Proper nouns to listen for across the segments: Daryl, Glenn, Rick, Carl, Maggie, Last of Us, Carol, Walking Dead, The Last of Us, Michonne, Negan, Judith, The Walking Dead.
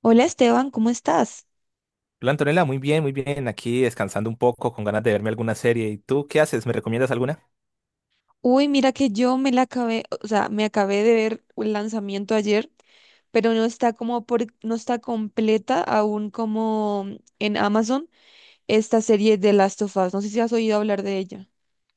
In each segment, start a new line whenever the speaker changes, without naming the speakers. Hola Esteban, ¿cómo estás?
Hola Antonella, muy bien, muy bien. Aquí descansando un poco, con ganas de verme alguna serie. ¿Y tú qué haces? ¿Me recomiendas alguna?
Uy, mira que yo me la acabé, o sea, me acabé de ver el lanzamiento ayer, pero no está como por, no está completa aún como en Amazon esta serie de Last of Us. No sé si has oído hablar de ella.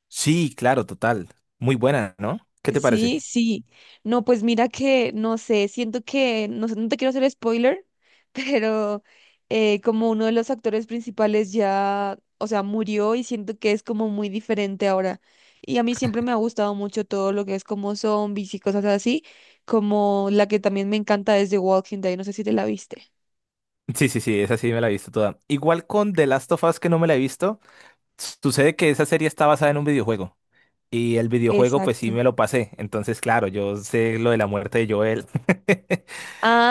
Sí, claro, total. Muy buena, ¿no? ¿Qué te parece?
Sí, sí. No, pues mira que, no sé, siento que, no sé, no te quiero hacer spoiler, pero como uno de los actores principales ya, o sea, murió y siento que es como muy diferente ahora. Y a mí siempre me ha gustado mucho todo lo que es como zombies y cosas así, como la que también me encanta es The Walking Dead, no sé si te la viste.
Sí, sí, sí, esa sí me la he visto toda. Igual con The Last of Us que no me la he visto, sucede que esa serie está basada en un videojuego. Y el videojuego, pues sí
Exacto.
me lo pasé. Entonces, claro, yo sé lo de la muerte de Joel.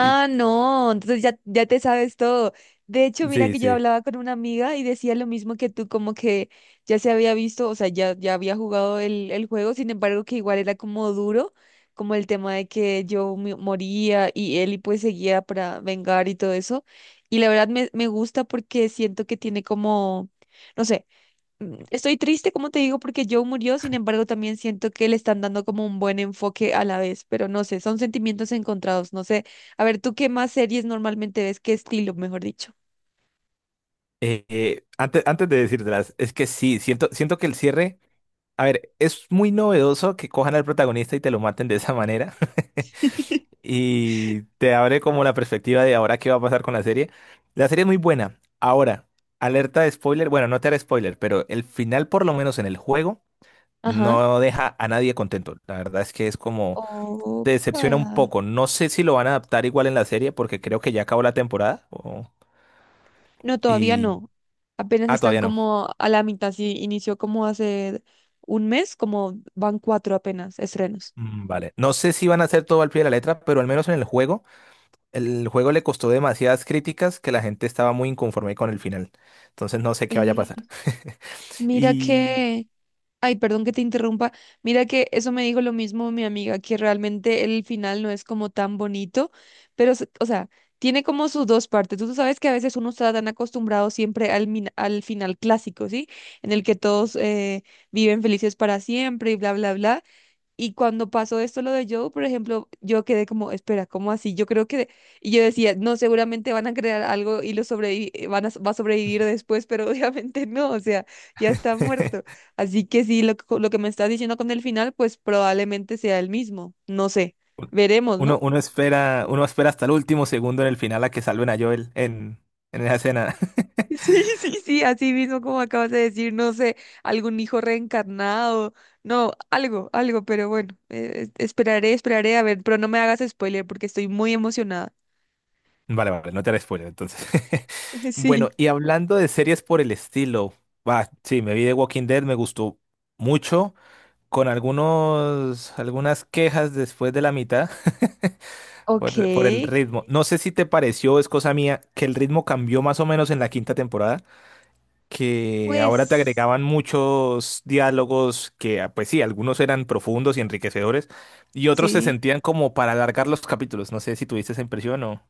Y
no, entonces ya te sabes todo. De hecho, mira
sí,
que yo
sí.
hablaba con una amiga y decía lo mismo que tú, como que ya se había visto, o sea, ya había jugado el juego, sin embargo, que igual era como duro, como el tema de que yo moría y él y pues seguía para vengar y todo eso. Y la verdad me gusta porque siento que tiene como, no sé. Estoy triste, como te digo, porque Joe murió, sin embargo, también siento que le están dando como un buen enfoque a la vez, pero no sé, son sentimientos encontrados, no sé. A ver, ¿tú qué más series normalmente ves? ¿Qué estilo, mejor dicho?
Antes de decírtelas, es que sí, siento que el cierre. A ver, es muy novedoso que cojan al protagonista y te lo maten de esa manera. Y te abre como la perspectiva de ahora qué va a pasar con la serie. La serie es muy buena. Ahora, alerta de spoiler. Bueno, no te haré spoiler, pero el final, por lo menos en el juego,
Ajá.
no deja a nadie contento. La verdad es que es como,
O
te decepciona un
para...
poco. No sé si lo van a adaptar igual en la serie porque creo que ya acabó la temporada.
No, todavía
Y...
no. Apenas
Ah,
están
todavía no.
como a la mitad, sí, inició como hace un mes, como van cuatro apenas estrenos.
Vale. No sé si van a hacer todo al pie de la letra, pero al menos en el juego. El juego le costó demasiadas críticas que la gente estaba muy inconforme con el final. Entonces no sé qué vaya a
Eh,
pasar.
mira
Y
que... Ay, perdón que te interrumpa. Mira que eso me dijo lo mismo mi amiga, que realmente el final no es como tan bonito, pero, o sea, tiene como sus dos partes. Tú sabes que a veces uno está tan acostumbrado siempre al final clásico, ¿sí? En el que todos viven felices para siempre y bla, bla, bla. Y cuando pasó esto, lo de Joe, por ejemplo, yo quedé como, espera, ¿cómo así? Yo creo que, y yo decía, no, seguramente van a crear algo y lo sobrevi va a sobrevivir después, pero obviamente no, o sea, ya está muerto. Así que sí, lo que me estás diciendo con el final, pues probablemente sea el mismo, no sé, veremos,
uno,
¿no?
uno espera, uno espera hasta el último segundo en el final a que salven a Joel en esa escena.
Sí, sí, sí, así mismo como acabas de decir, no sé, algún hijo reencarnado, no, algo, algo, pero bueno, esperaré, esperaré, a ver, pero no me hagas spoiler porque estoy muy emocionada.
Vale, vale, no te haré spoiler entonces. Bueno,
Sí.
y hablando de series por el estilo, va, sí, me vi de Walking Dead, me gustó mucho, con algunas quejas después de la mitad.
Ok,
Por el ritmo. No sé si te pareció, es cosa mía, que el ritmo cambió más o menos en la quinta temporada, que ahora te
pues
agregaban muchos diálogos que, ah, pues sí, algunos eran profundos y enriquecedores, y otros se
sí,
sentían como para alargar los capítulos. ¿No sé si tuviste esa impresión o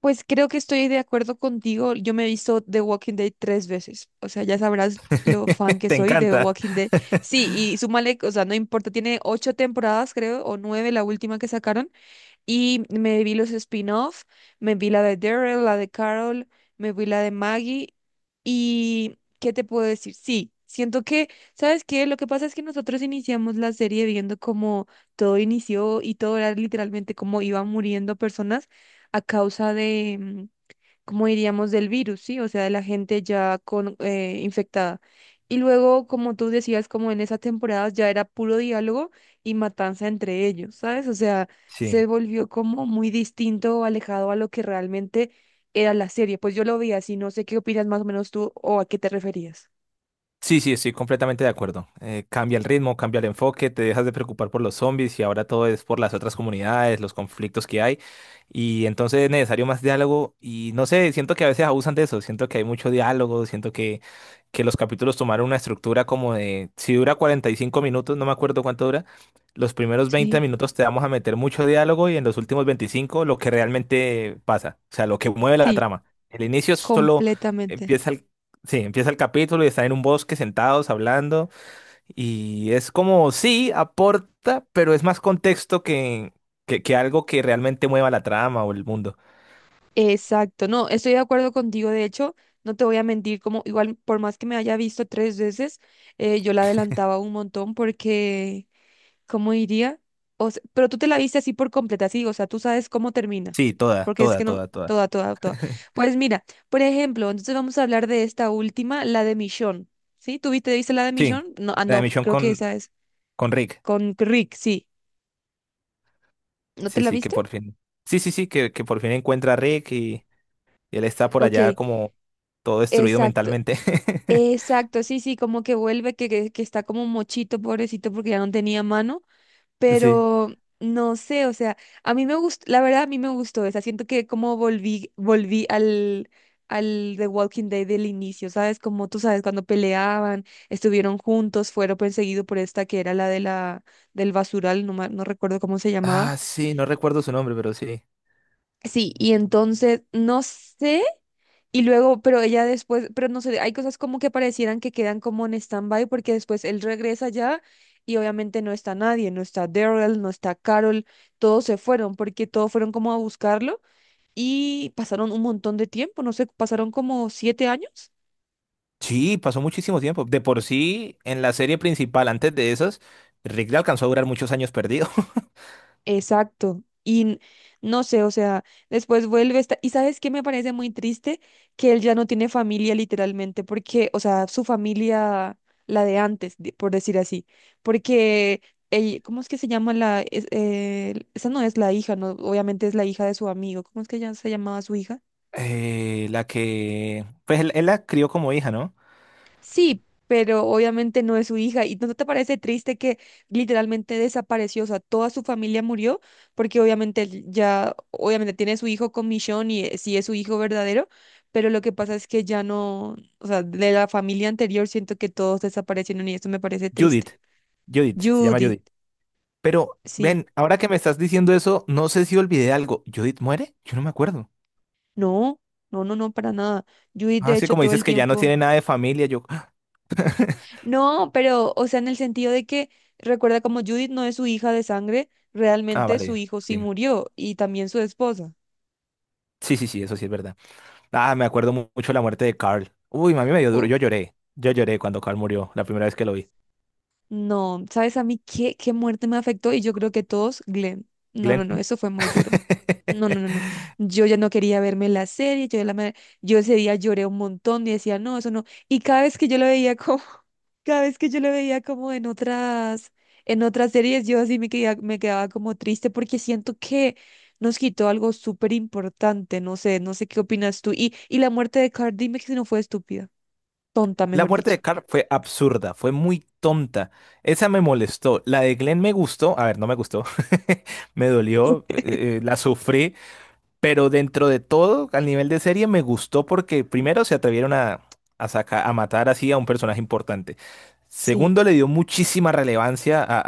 pues creo que estoy de acuerdo contigo. Yo me he visto The Walking Dead tres veces, o sea, ya sabrás lo fan que
te
soy de
encanta?
Walking Dead. Sí, y súmale, o sea, no importa, tiene ocho temporadas, creo, o nueve la última que sacaron. Y me vi los spin-off, me vi la de Daryl, la de Carol, me vi la de Maggie. ¿Y qué te puedo decir? Sí, siento que, ¿sabes qué? Lo que pasa es que nosotros iniciamos la serie viendo cómo todo inició y todo era literalmente cómo iban muriendo personas a causa de, como diríamos, del virus, ¿sí? O sea, de la gente ya con, infectada. Y luego, como tú decías, como en esas temporadas ya era puro diálogo y matanza entre ellos, ¿sabes? O sea, se
Sí.
volvió como muy distinto, alejado a lo que realmente era la serie. Pues yo lo veía así, no sé qué opinas más o menos tú o a qué te referías.
Sí, sí, estoy completamente de acuerdo. Cambia el ritmo, cambia el enfoque, te dejas de preocupar por los zombies y ahora todo es por las otras comunidades, los conflictos que hay. Y entonces es necesario más diálogo y no sé, siento que a veces abusan de eso, siento que hay mucho diálogo, siento que los capítulos tomaron una estructura como de, si dura 45 minutos, no me acuerdo cuánto dura, los primeros 20
Sí,
minutos te vamos a meter mucho diálogo y en los últimos 25 lo que realmente pasa, o sea, lo que mueve la
sí,
trama. El inicio solo
completamente.
empieza. Sí, empieza el capítulo y están en un bosque sentados hablando y es como, sí, aporta, pero es más contexto que algo que realmente mueva la trama o el mundo.
Exacto, no, estoy de acuerdo contigo, de hecho, no te voy a mentir, como igual por más que me haya visto tres veces, yo la adelantaba un montón porque, ¿cómo diría? Pero tú te la viste así por completa, sí, o sea, tú sabes cómo termina,
Sí, toda,
porque es
toda,
que no,
toda, toda.
toda, toda, toda. Pues mira, por ejemplo, entonces vamos a hablar de esta última, la de Michonne, ¿sí? ¿Tú viste, viste la de
Sí,
Michonne? No, ah,
la de
no,
Michonne
creo que esa es,
con Rick.
con Rick, sí, ¿no te
Sí,
la
sí, que
viste?
por fin. Sí, sí, sí, que por fin encuentra a Rick y él está por
Ok,
allá como todo destruido
exacto.
mentalmente.
Exacto, sí, sí, como que vuelve, que está como mochito, pobrecito, porque ya no tenía mano,
Sí.
pero no sé, o sea, a mí me gustó, la verdad a mí me gustó esa, siento que como volví, volví al The Walking Dead del inicio, ¿sabes? Como tú sabes, cuando peleaban, estuvieron juntos, fueron perseguidos por esta que era la de la, del basural, no, no recuerdo cómo se llamaba.
Ah, sí, no recuerdo su nombre, pero sí.
Sí, y entonces, no sé. Y luego, pero ella después, pero no sé, hay cosas como que parecieran que quedan como en stand-by porque después él regresa ya y obviamente no está nadie, no está Daryl, no está Carol, todos se fueron porque todos fueron como a buscarlo y pasaron un montón de tiempo, no sé, pasaron como 7 años.
Sí, pasó muchísimo tiempo. De por sí, en la serie principal, antes de esas, Rick le alcanzó a durar muchos años perdido.
Exacto. No sé, o sea, después vuelve esta... Y sabes qué me parece muy triste que él ya no tiene familia literalmente, porque, o sea, su familia, la de antes, por decir así, porque ella, ¿cómo es que se llama la... esa no es la hija, no, obviamente es la hija de su amigo. ¿Cómo es que ya se llamaba su hija?
La que... Pues él la crió como hija, ¿no?
Sí, pero obviamente no es su hija. ¿Y no te parece triste que literalmente desapareció? O sea, toda su familia murió porque obviamente él ya, obviamente tiene su hijo con Michonne y sí es su hijo verdadero, pero lo que pasa es que ya no, o sea, de la familia anterior siento que todos desaparecieron y esto me parece
Judith.
triste.
Judith, se llama
Judith,
Judith. Pero,
sí,
ven, ahora que me estás diciendo eso, no sé si olvidé algo. ¿Judith muere? Yo no me acuerdo.
no, no, no, no, para nada. Judith,
Ah,
de
sí,
hecho,
como
todo
dices
el
que ya no
tiempo.
tiene nada de familia, yo...
No, pero, o sea, en el sentido de que, recuerda, como Judith no es su hija de sangre,
Ah,
realmente su
vale,
hijo sí
sí.
murió y también su esposa.
Sí, sí, sí, eso sí es verdad. Ah, me acuerdo mucho la muerte de Carl. Uy, mami, me dio duro. Yo lloré. Yo lloré cuando Carl murió, la primera vez que lo vi.
No, ¿sabes a mí qué, muerte me afectó? Y yo creo que todos, Glenn. No, no,
Glenn.
no, eso fue muy duro. No, no, no, no. Yo ya no quería verme la serie, yo, ya la, me- yo ese día lloré un montón y decía, no, eso no. Y cada vez que yo lo veía como, cada vez que yo lo veía como en otras series, yo así me quedaba como triste porque siento que nos quitó algo súper importante, no sé, no sé qué opinas tú. Y la muerte de Cardi me que no fue estúpida, tonta,
La
mejor
muerte
dicho.
de Carl fue absurda, fue muy tonta. Esa me molestó. La de Glenn me gustó. A ver, no me gustó. Me dolió, la sufrí. Pero dentro de todo, al nivel de serie, me gustó porque primero se atrevieron a a matar así a un personaje importante. Segundo, le dio muchísima relevancia a,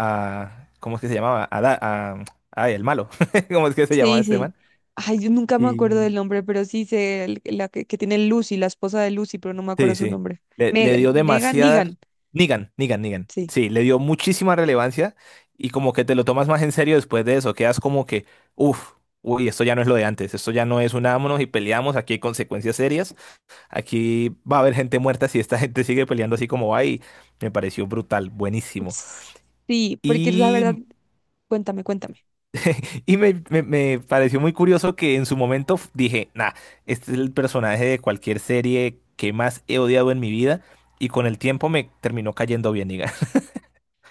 a- ¿cómo es que se llamaba? A, ay, el malo. ¿Cómo es que se llamaba
Sí,
este
sí.
man?
Ay, yo nunca me acuerdo
Y
del nombre, pero sí sé la que tiene Lucy, la esposa de Lucy, pero no me acuerdo
sí,
su
sí.
nombre.
Le
Negan,
dio
Negan,
demasiada...
Negan.
Negan, Negan, Negan.
Sí.
Sí, le dio muchísima relevancia y como que te lo tomas más en serio después de eso. Quedas como que, uff, uy, esto ya no es lo de antes. Esto ya no es unámonos y peleamos. Aquí hay consecuencias serias. Aquí va a haber gente muerta si esta gente sigue peleando así como va y me pareció brutal, buenísimo.
Ts- Sí, porque la verdad,
Y
cuéntame, cuéntame.
me pareció muy curioso que en su momento dije, nah, este es el personaje de cualquier serie que más he odiado en mi vida. Y con el tiempo me terminó cayendo bien, diga.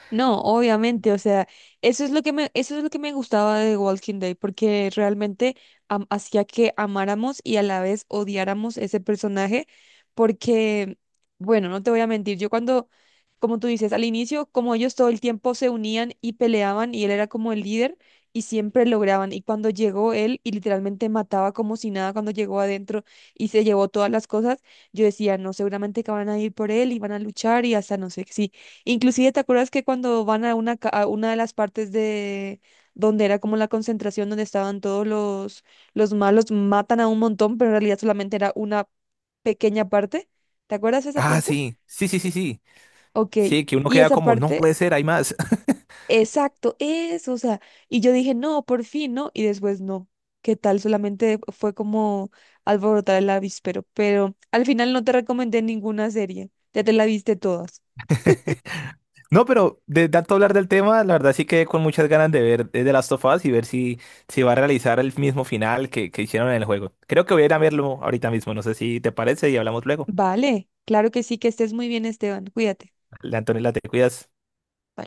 No, obviamente, o sea, eso es lo que me gustaba de Walking Dead, porque realmente hacía que amáramos y a la vez odiáramos ese personaje, porque, bueno, no te voy a mentir, yo cuando, como tú dices, al inicio, como ellos todo el tiempo se unían y peleaban y él era como el líder y siempre lograban, y cuando llegó él y literalmente mataba como si nada cuando llegó adentro y se llevó todas las cosas, yo decía, no, seguramente que van a ir por él y van a luchar y hasta no sé si. Inclusive, ¿te acuerdas que cuando van a una de las partes de donde era como la concentración, donde estaban todos los malos, matan a un montón, pero en realidad solamente era una pequeña parte? ¿Te acuerdas de esa
Ah,
parte?
sí, sí, sí, sí, sí.
Ok,
Sí, que uno
y
queda
esa
como, no
parte,
puede ser, hay más.
exacto, eso, o sea, y yo dije, no, por fin, ¿no? Y después, no, ¿qué tal? Solamente fue como alborotar el avispero, pero al final no te recomendé ninguna serie, ya te la viste todas.
No, pero de tanto hablar del tema, la verdad sí quedé con muchas ganas de ver The Last of Us y ver si, si va a realizar el mismo final que hicieron en el juego. Creo que voy a ir a verlo ahorita mismo, no sé si te parece y hablamos luego.
Vale, claro que sí, que estés muy bien, Esteban, cuídate.
Antonella, te cuidas.
Bye.